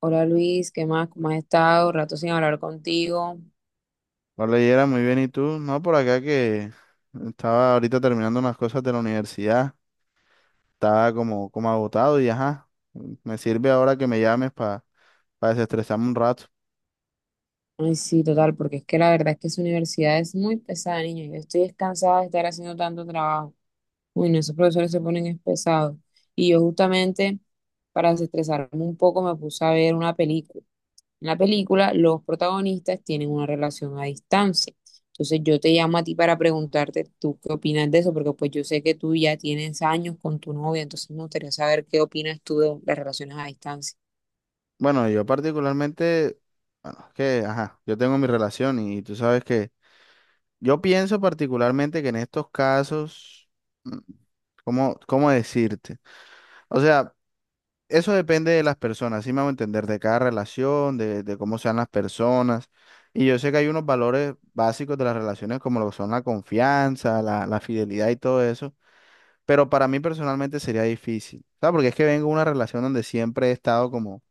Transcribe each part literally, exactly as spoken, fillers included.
Hola Luis, ¿qué más? ¿Cómo has estado? Rato sin hablar contigo. No leyera muy bien, ¿y tú? No, por acá que estaba ahorita terminando unas cosas de la universidad, estaba como, como agotado y ajá, me sirve ahora que me llames para desestresarme un rato. Ay, sí, total, porque es que la verdad es que esa universidad es muy pesada, niño. Yo estoy descansada de estar haciendo tanto trabajo. Uy, no, esos profesores se ponen es pesados. Y yo justamente, para desestresarme un poco, me puse a ver una película. En la película, los protagonistas tienen una relación a distancia. Entonces yo te llamo a ti para preguntarte tú qué opinas de eso, porque pues yo sé que tú ya tienes años con tu novia, entonces me gustaría saber qué opinas tú de las relaciones a distancia. Bueno, yo particularmente, bueno, es que, ajá, yo tengo mi relación y tú sabes que yo pienso particularmente que en estos casos, mm, ¿cómo, cómo decirte? O sea, eso depende de las personas, sí me hago entender, de cada relación, de, de cómo sean las personas. Y yo sé que hay unos valores básicos de las relaciones, como lo son la confianza, la, la fidelidad y todo eso. Pero para mí personalmente sería difícil, ¿sabes? Porque es que vengo de una relación donde siempre he estado como,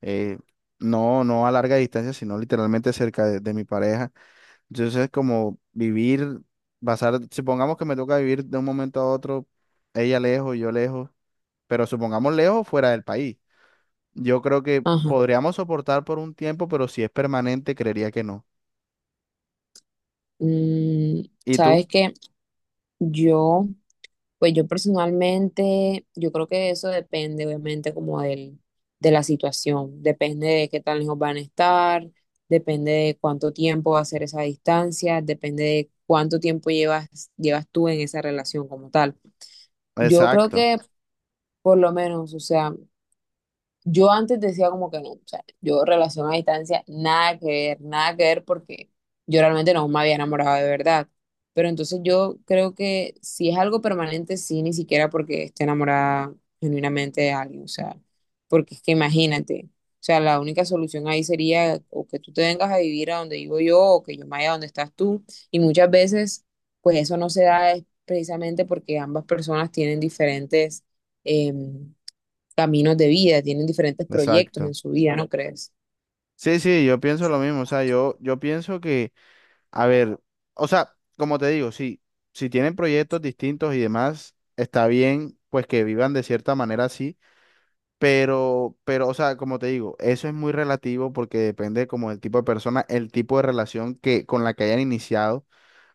eh, no, no a larga distancia, sino literalmente cerca de, de mi pareja. Entonces, es como vivir, basar, supongamos que me toca vivir de un momento a otro, ella lejos, yo lejos, pero supongamos lejos fuera del país. Yo creo que Ajá. podríamos soportar por un tiempo, pero si es permanente, creería que no. Mm, ¿Y tú? sabes que yo, pues yo personalmente, yo creo que eso depende obviamente como del, de la situación, depende de qué tan lejos van a estar, depende de cuánto tiempo va a ser esa distancia, depende de cuánto tiempo llevas, llevas tú en esa relación como tal. Yo creo Exacto, que por lo menos, o sea, yo antes decía como que no, o sea, yo relación a distancia, nada que ver, nada que ver porque yo realmente no me había enamorado de verdad. Pero entonces yo creo que si es algo permanente, sí, ni siquiera porque esté enamorada genuinamente de alguien, o sea, porque es que imagínate, o sea, la única solución ahí sería o que tú te vengas a vivir a donde vivo yo o que yo me vaya a donde estás tú. Y muchas veces, pues eso no se da es precisamente porque ambas personas tienen diferentes em, caminos de vida, tienen diferentes proyectos exacto. en su vida, ¿no crees? Sí, sí, yo pienso lo mismo. O sea, yo, yo pienso que, a ver, o sea, como te digo, sí, si tienen proyectos distintos y demás, está bien, pues que vivan de cierta manera así, pero, pero, o sea, como te digo, eso es muy relativo porque depende como del tipo de persona, el tipo de relación que, con la que hayan iniciado.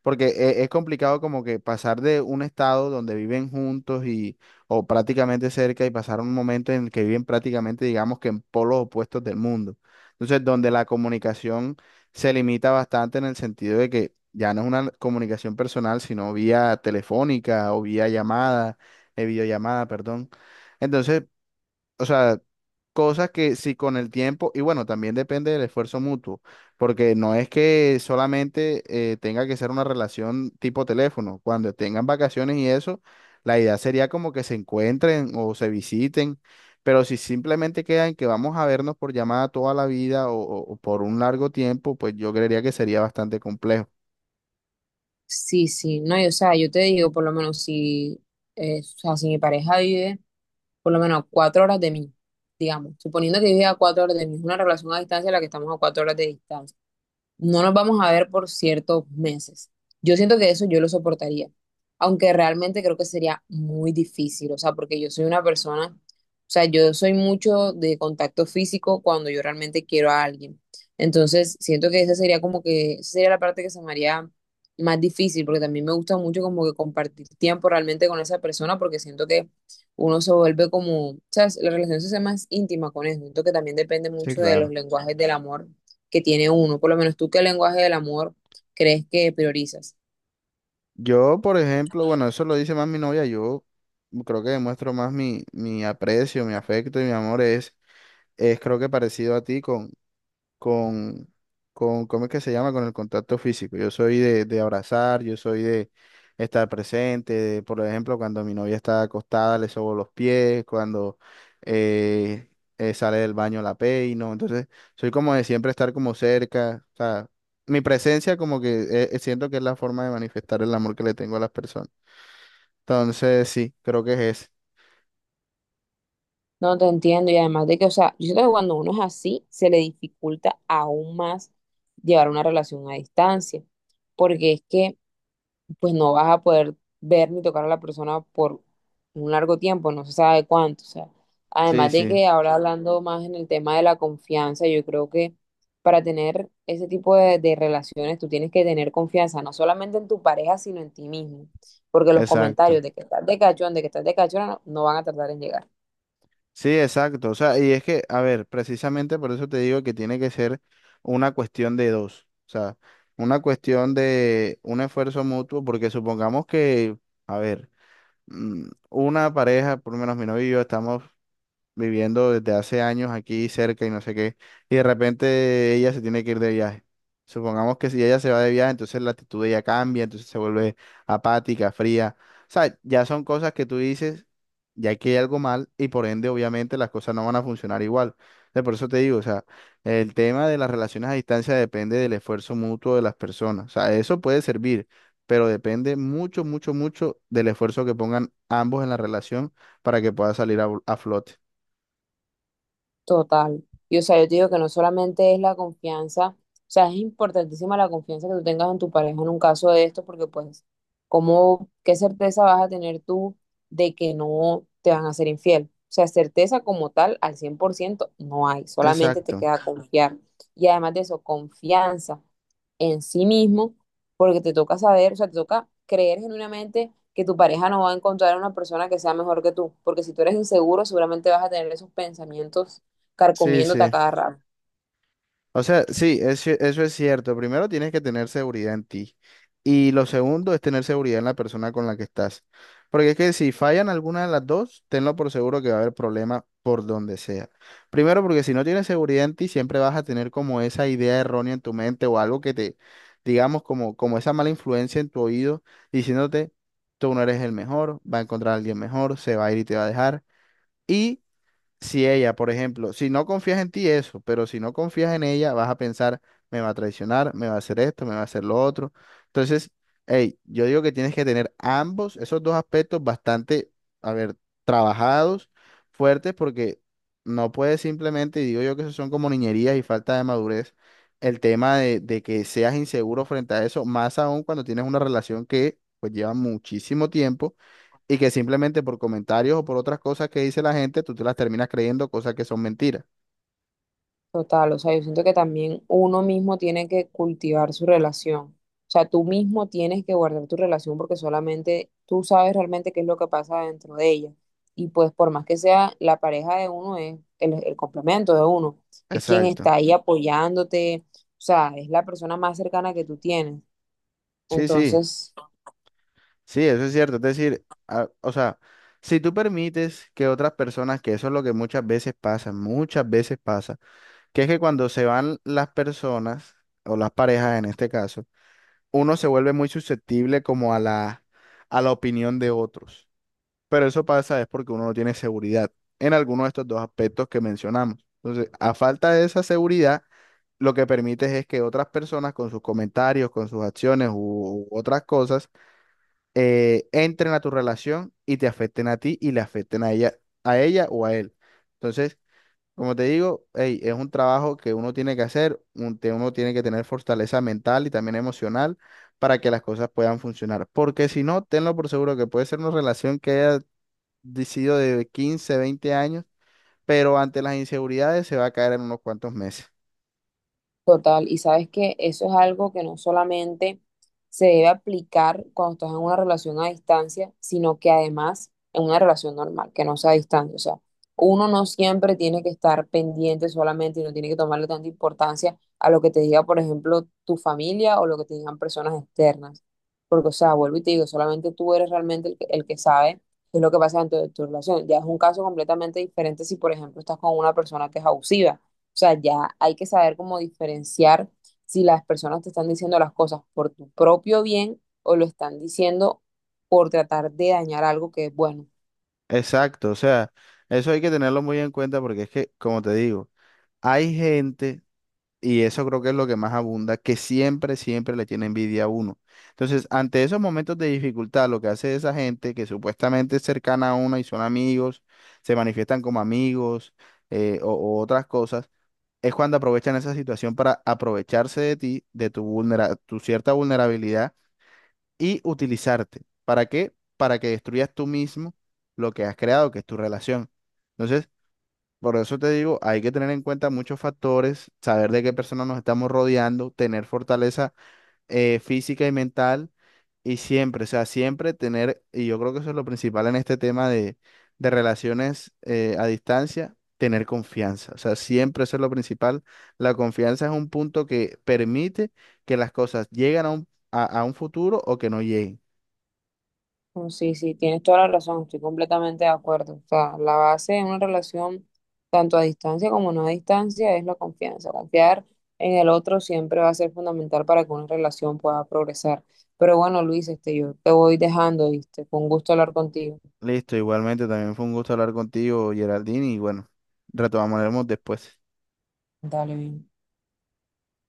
Porque e- es complicado como que pasar de un estado donde viven juntos y o prácticamente cerca y pasar a un momento en el que viven prácticamente, digamos que en polos opuestos del mundo. Entonces, donde la comunicación se limita bastante en el sentido de que ya no es una comunicación personal, sino vía telefónica o vía llamada, eh, videollamada, perdón. Entonces, o sea, cosas que si con el tiempo, y bueno, también depende del esfuerzo mutuo, porque no es que solamente eh, tenga que ser una relación tipo teléfono, cuando tengan vacaciones y eso, la idea sería como que se encuentren o se visiten, pero si simplemente quedan que vamos a vernos por llamada toda la vida o, o o por un largo tiempo, pues yo creería que sería bastante complejo. Sí, sí, no, y, o sea, yo te digo, por lo menos si, eh, o sea, si mi pareja vive por lo menos a cuatro horas de mí, digamos, suponiendo que vive a cuatro horas de mí, es una relación a distancia en la que estamos a cuatro horas de distancia. No nos vamos a ver por ciertos meses. Yo siento que eso yo lo soportaría, aunque realmente creo que sería muy difícil, o sea, porque yo soy una persona, o sea, yo soy mucho de contacto físico cuando yo realmente quiero a alguien. Entonces, siento que esa sería como que, esa sería la parte que se me haría más difícil, porque también me gusta mucho como que compartir tiempo realmente con esa persona, porque siento que uno se vuelve como, o sea, la relación se hace más íntima con eso. Siento que también depende Sí, mucho de los claro. lenguajes del amor que tiene uno. Por lo menos tú, ¿qué lenguaje del amor crees que priorizas? Yo, por ejemplo, bueno, eso lo dice más mi novia, yo creo que demuestro más mi, mi aprecio, mi afecto y mi amor es es creo que parecido a ti con, con, con, ¿cómo es que se llama? Con el contacto físico. Yo soy de, de abrazar, yo soy de estar presente, de, por ejemplo, cuando mi novia está acostada le sobo los pies, cuando eh, eh, sale del baño la peino, entonces soy como de siempre estar como cerca, o sea, mi presencia como que eh, eh, siento que es la forma de manifestar el amor que le tengo a las personas. Entonces, sí, creo que es ese. No te entiendo y además de que, o sea, yo siento que cuando uno es así, se le dificulta aún más llevar una relación a distancia, porque es que pues no vas a poder ver ni tocar a la persona por un largo tiempo, no se sabe cuánto. O sea, Sí, además de sí, que ahora hablando más en el tema de la confianza, yo creo que para tener ese tipo de, de relaciones tú tienes que tener confianza, no solamente en tu pareja, sino en ti mismo. Porque los exacto. comentarios de que estás de cachón, de que estás de cachona, no, no van a tardar en llegar. Sí, exacto. O sea, y es que, a ver, precisamente por eso te digo que tiene que ser una cuestión de dos. O sea, una cuestión de un esfuerzo mutuo, porque supongamos que, a ver, mm, una pareja, por lo menos mi novio y yo, estamos viviendo desde hace años aquí cerca y no sé qué, y de repente ella se tiene que ir de viaje. Supongamos que si ella se va de viaje, entonces la actitud de ella cambia, entonces se vuelve apática, fría. O sea, ya son cosas que tú dices, ya que hay algo mal y por ende obviamente las cosas no van a funcionar igual. Entonces, por eso te digo, o sea, el tema de las relaciones a distancia depende del esfuerzo mutuo de las personas. O sea, eso puede servir, pero depende mucho, mucho, mucho del esfuerzo que pongan ambos en la relación para que pueda salir a a flote. Total. Y o sea, yo te digo que no solamente es la confianza, o sea, es importantísima la confianza que tú tengas en tu pareja en un caso de esto, porque pues, ¿cómo, qué certeza vas a tener tú de que no te van a ser infiel? O sea, certeza como tal al cien por ciento no hay, solamente te Exacto. queda confiar. Y además de eso, confianza en sí mismo, porque te toca saber, o sea, te toca creer genuinamente que tu pareja no va a encontrar una persona que sea mejor que tú, porque si tú eres inseguro, seguramente vas a tener esos pensamientos Sí, carcomiéndote a sí. cada rato. O sea, sí, eso, eso es cierto. Primero tienes que tener seguridad en ti. Y lo segundo es tener seguridad en la persona con la que estás. Porque es que si fallan alguna de las dos, tenlo por seguro que va a haber problema por donde sea. Primero, porque si no tienes seguridad en ti, siempre vas a tener como esa idea errónea en tu mente o algo que te, digamos, como, como esa mala influencia en tu oído diciéndote, tú no eres el mejor, va a encontrar a alguien mejor, se va a ir y te va a dejar. Y si ella, por ejemplo, si no confías en ti, eso, pero si no confías en ella, vas a pensar, me va a traicionar, me va a hacer esto, me va a hacer lo otro. Entonces, hey, yo digo que tienes que tener ambos, esos dos aspectos bastante, a ver, trabajados, fuertes, porque no puedes simplemente, y digo yo que eso son como niñerías y falta de madurez, el tema de, de que seas inseguro frente a eso, más aún cuando tienes una relación que pues lleva muchísimo tiempo y que simplemente por comentarios o por otras cosas que dice la gente, tú te las terminas creyendo cosas que son mentiras. Total, o sea, yo siento que también uno mismo tiene que cultivar su relación. O sea, tú mismo tienes que guardar tu relación porque solamente tú sabes realmente qué es lo que pasa dentro de ella. Y pues por más que sea la pareja de uno, es el, el complemento de uno, es quien Exacto. está ahí apoyándote, o sea, es la persona más cercana que tú tienes. Sí, sí, Entonces, sí, eso es cierto. Es decir, a- o sea, si tú permites que otras personas, que eso es lo que muchas veces pasa, muchas veces pasa, que es que cuando se van las personas, o las parejas en este caso, uno se vuelve muy susceptible como a la, a la opinión de otros. Pero eso pasa es porque uno no tiene seguridad en alguno de estos dos aspectos que mencionamos. Entonces, a falta de esa seguridad, lo que permites es que otras personas con sus comentarios, con sus acciones u, u otras cosas, eh, entren a tu relación y te afecten a ti y le afecten a ella, a ella o a él. Entonces, como te digo, ey, es un trabajo que uno tiene que hacer, un- te- uno tiene que tener fortaleza mental y también emocional para que las cosas puedan funcionar. Porque si no, tenlo por seguro que puede ser una relación que haya de- sido de quince, veinte años, pero ante las inseguridades se va a caer en unos cuantos meses. total, y sabes que eso es algo que no solamente se debe aplicar cuando estás en una relación a distancia, sino que además en una relación normal, que no sea a distancia. O sea, uno no siempre tiene que estar pendiente solamente y no tiene que tomarle tanta importancia a lo que te diga, por ejemplo, tu familia o lo que te digan personas externas. Porque, o sea, vuelvo y te digo, solamente tú eres realmente el que, el que sabe qué es lo que pasa dentro de tu relación. Ya es un caso completamente diferente si, por ejemplo, estás con una persona que es abusiva, o sea, ya hay que saber cómo diferenciar si las personas te están diciendo las cosas por tu propio bien o lo están diciendo por tratar de dañar algo que es bueno. Exacto, o sea, eso hay que tenerlo muy en cuenta porque es que, como te digo, hay gente, y eso creo que es lo que más abunda, que siempre, siempre le tiene envidia a uno. Entonces, ante esos momentos de dificultad, lo que hace esa gente que supuestamente es cercana a uno y son amigos, se manifiestan como amigos eh, o, o otras cosas, es cuando aprovechan esa situación para aprovecharse de ti, de tu vulnera- tu cierta vulnerabilidad y utilizarte. ¿Para qué? Para que destruyas tú mismo lo que has creado, que es tu relación. Entonces, por eso te digo, hay que tener en cuenta muchos factores, saber de qué personas nos estamos rodeando, tener fortaleza eh, física y mental y siempre, o sea, siempre tener, y yo creo que eso es lo principal en este tema de, de relaciones eh, a distancia. Tener confianza, o sea, siempre eso es lo principal. La confianza es un punto que permite que las cosas lleguen a un, a a un futuro o que no lleguen. Mm. Sí, sí, tienes toda la razón, estoy completamente de acuerdo. O sea, la base de una relación, tanto a distancia como no a distancia, es la confianza. Confiar en el otro siempre va a ser fundamental para que una relación pueda progresar. Pero bueno, Luis, este, yo te voy dejando, ¿viste? Con gusto hablar contigo. Listo, igualmente también fue un gusto hablar contigo, Geraldine, y bueno, retomaremos después. Dale bien.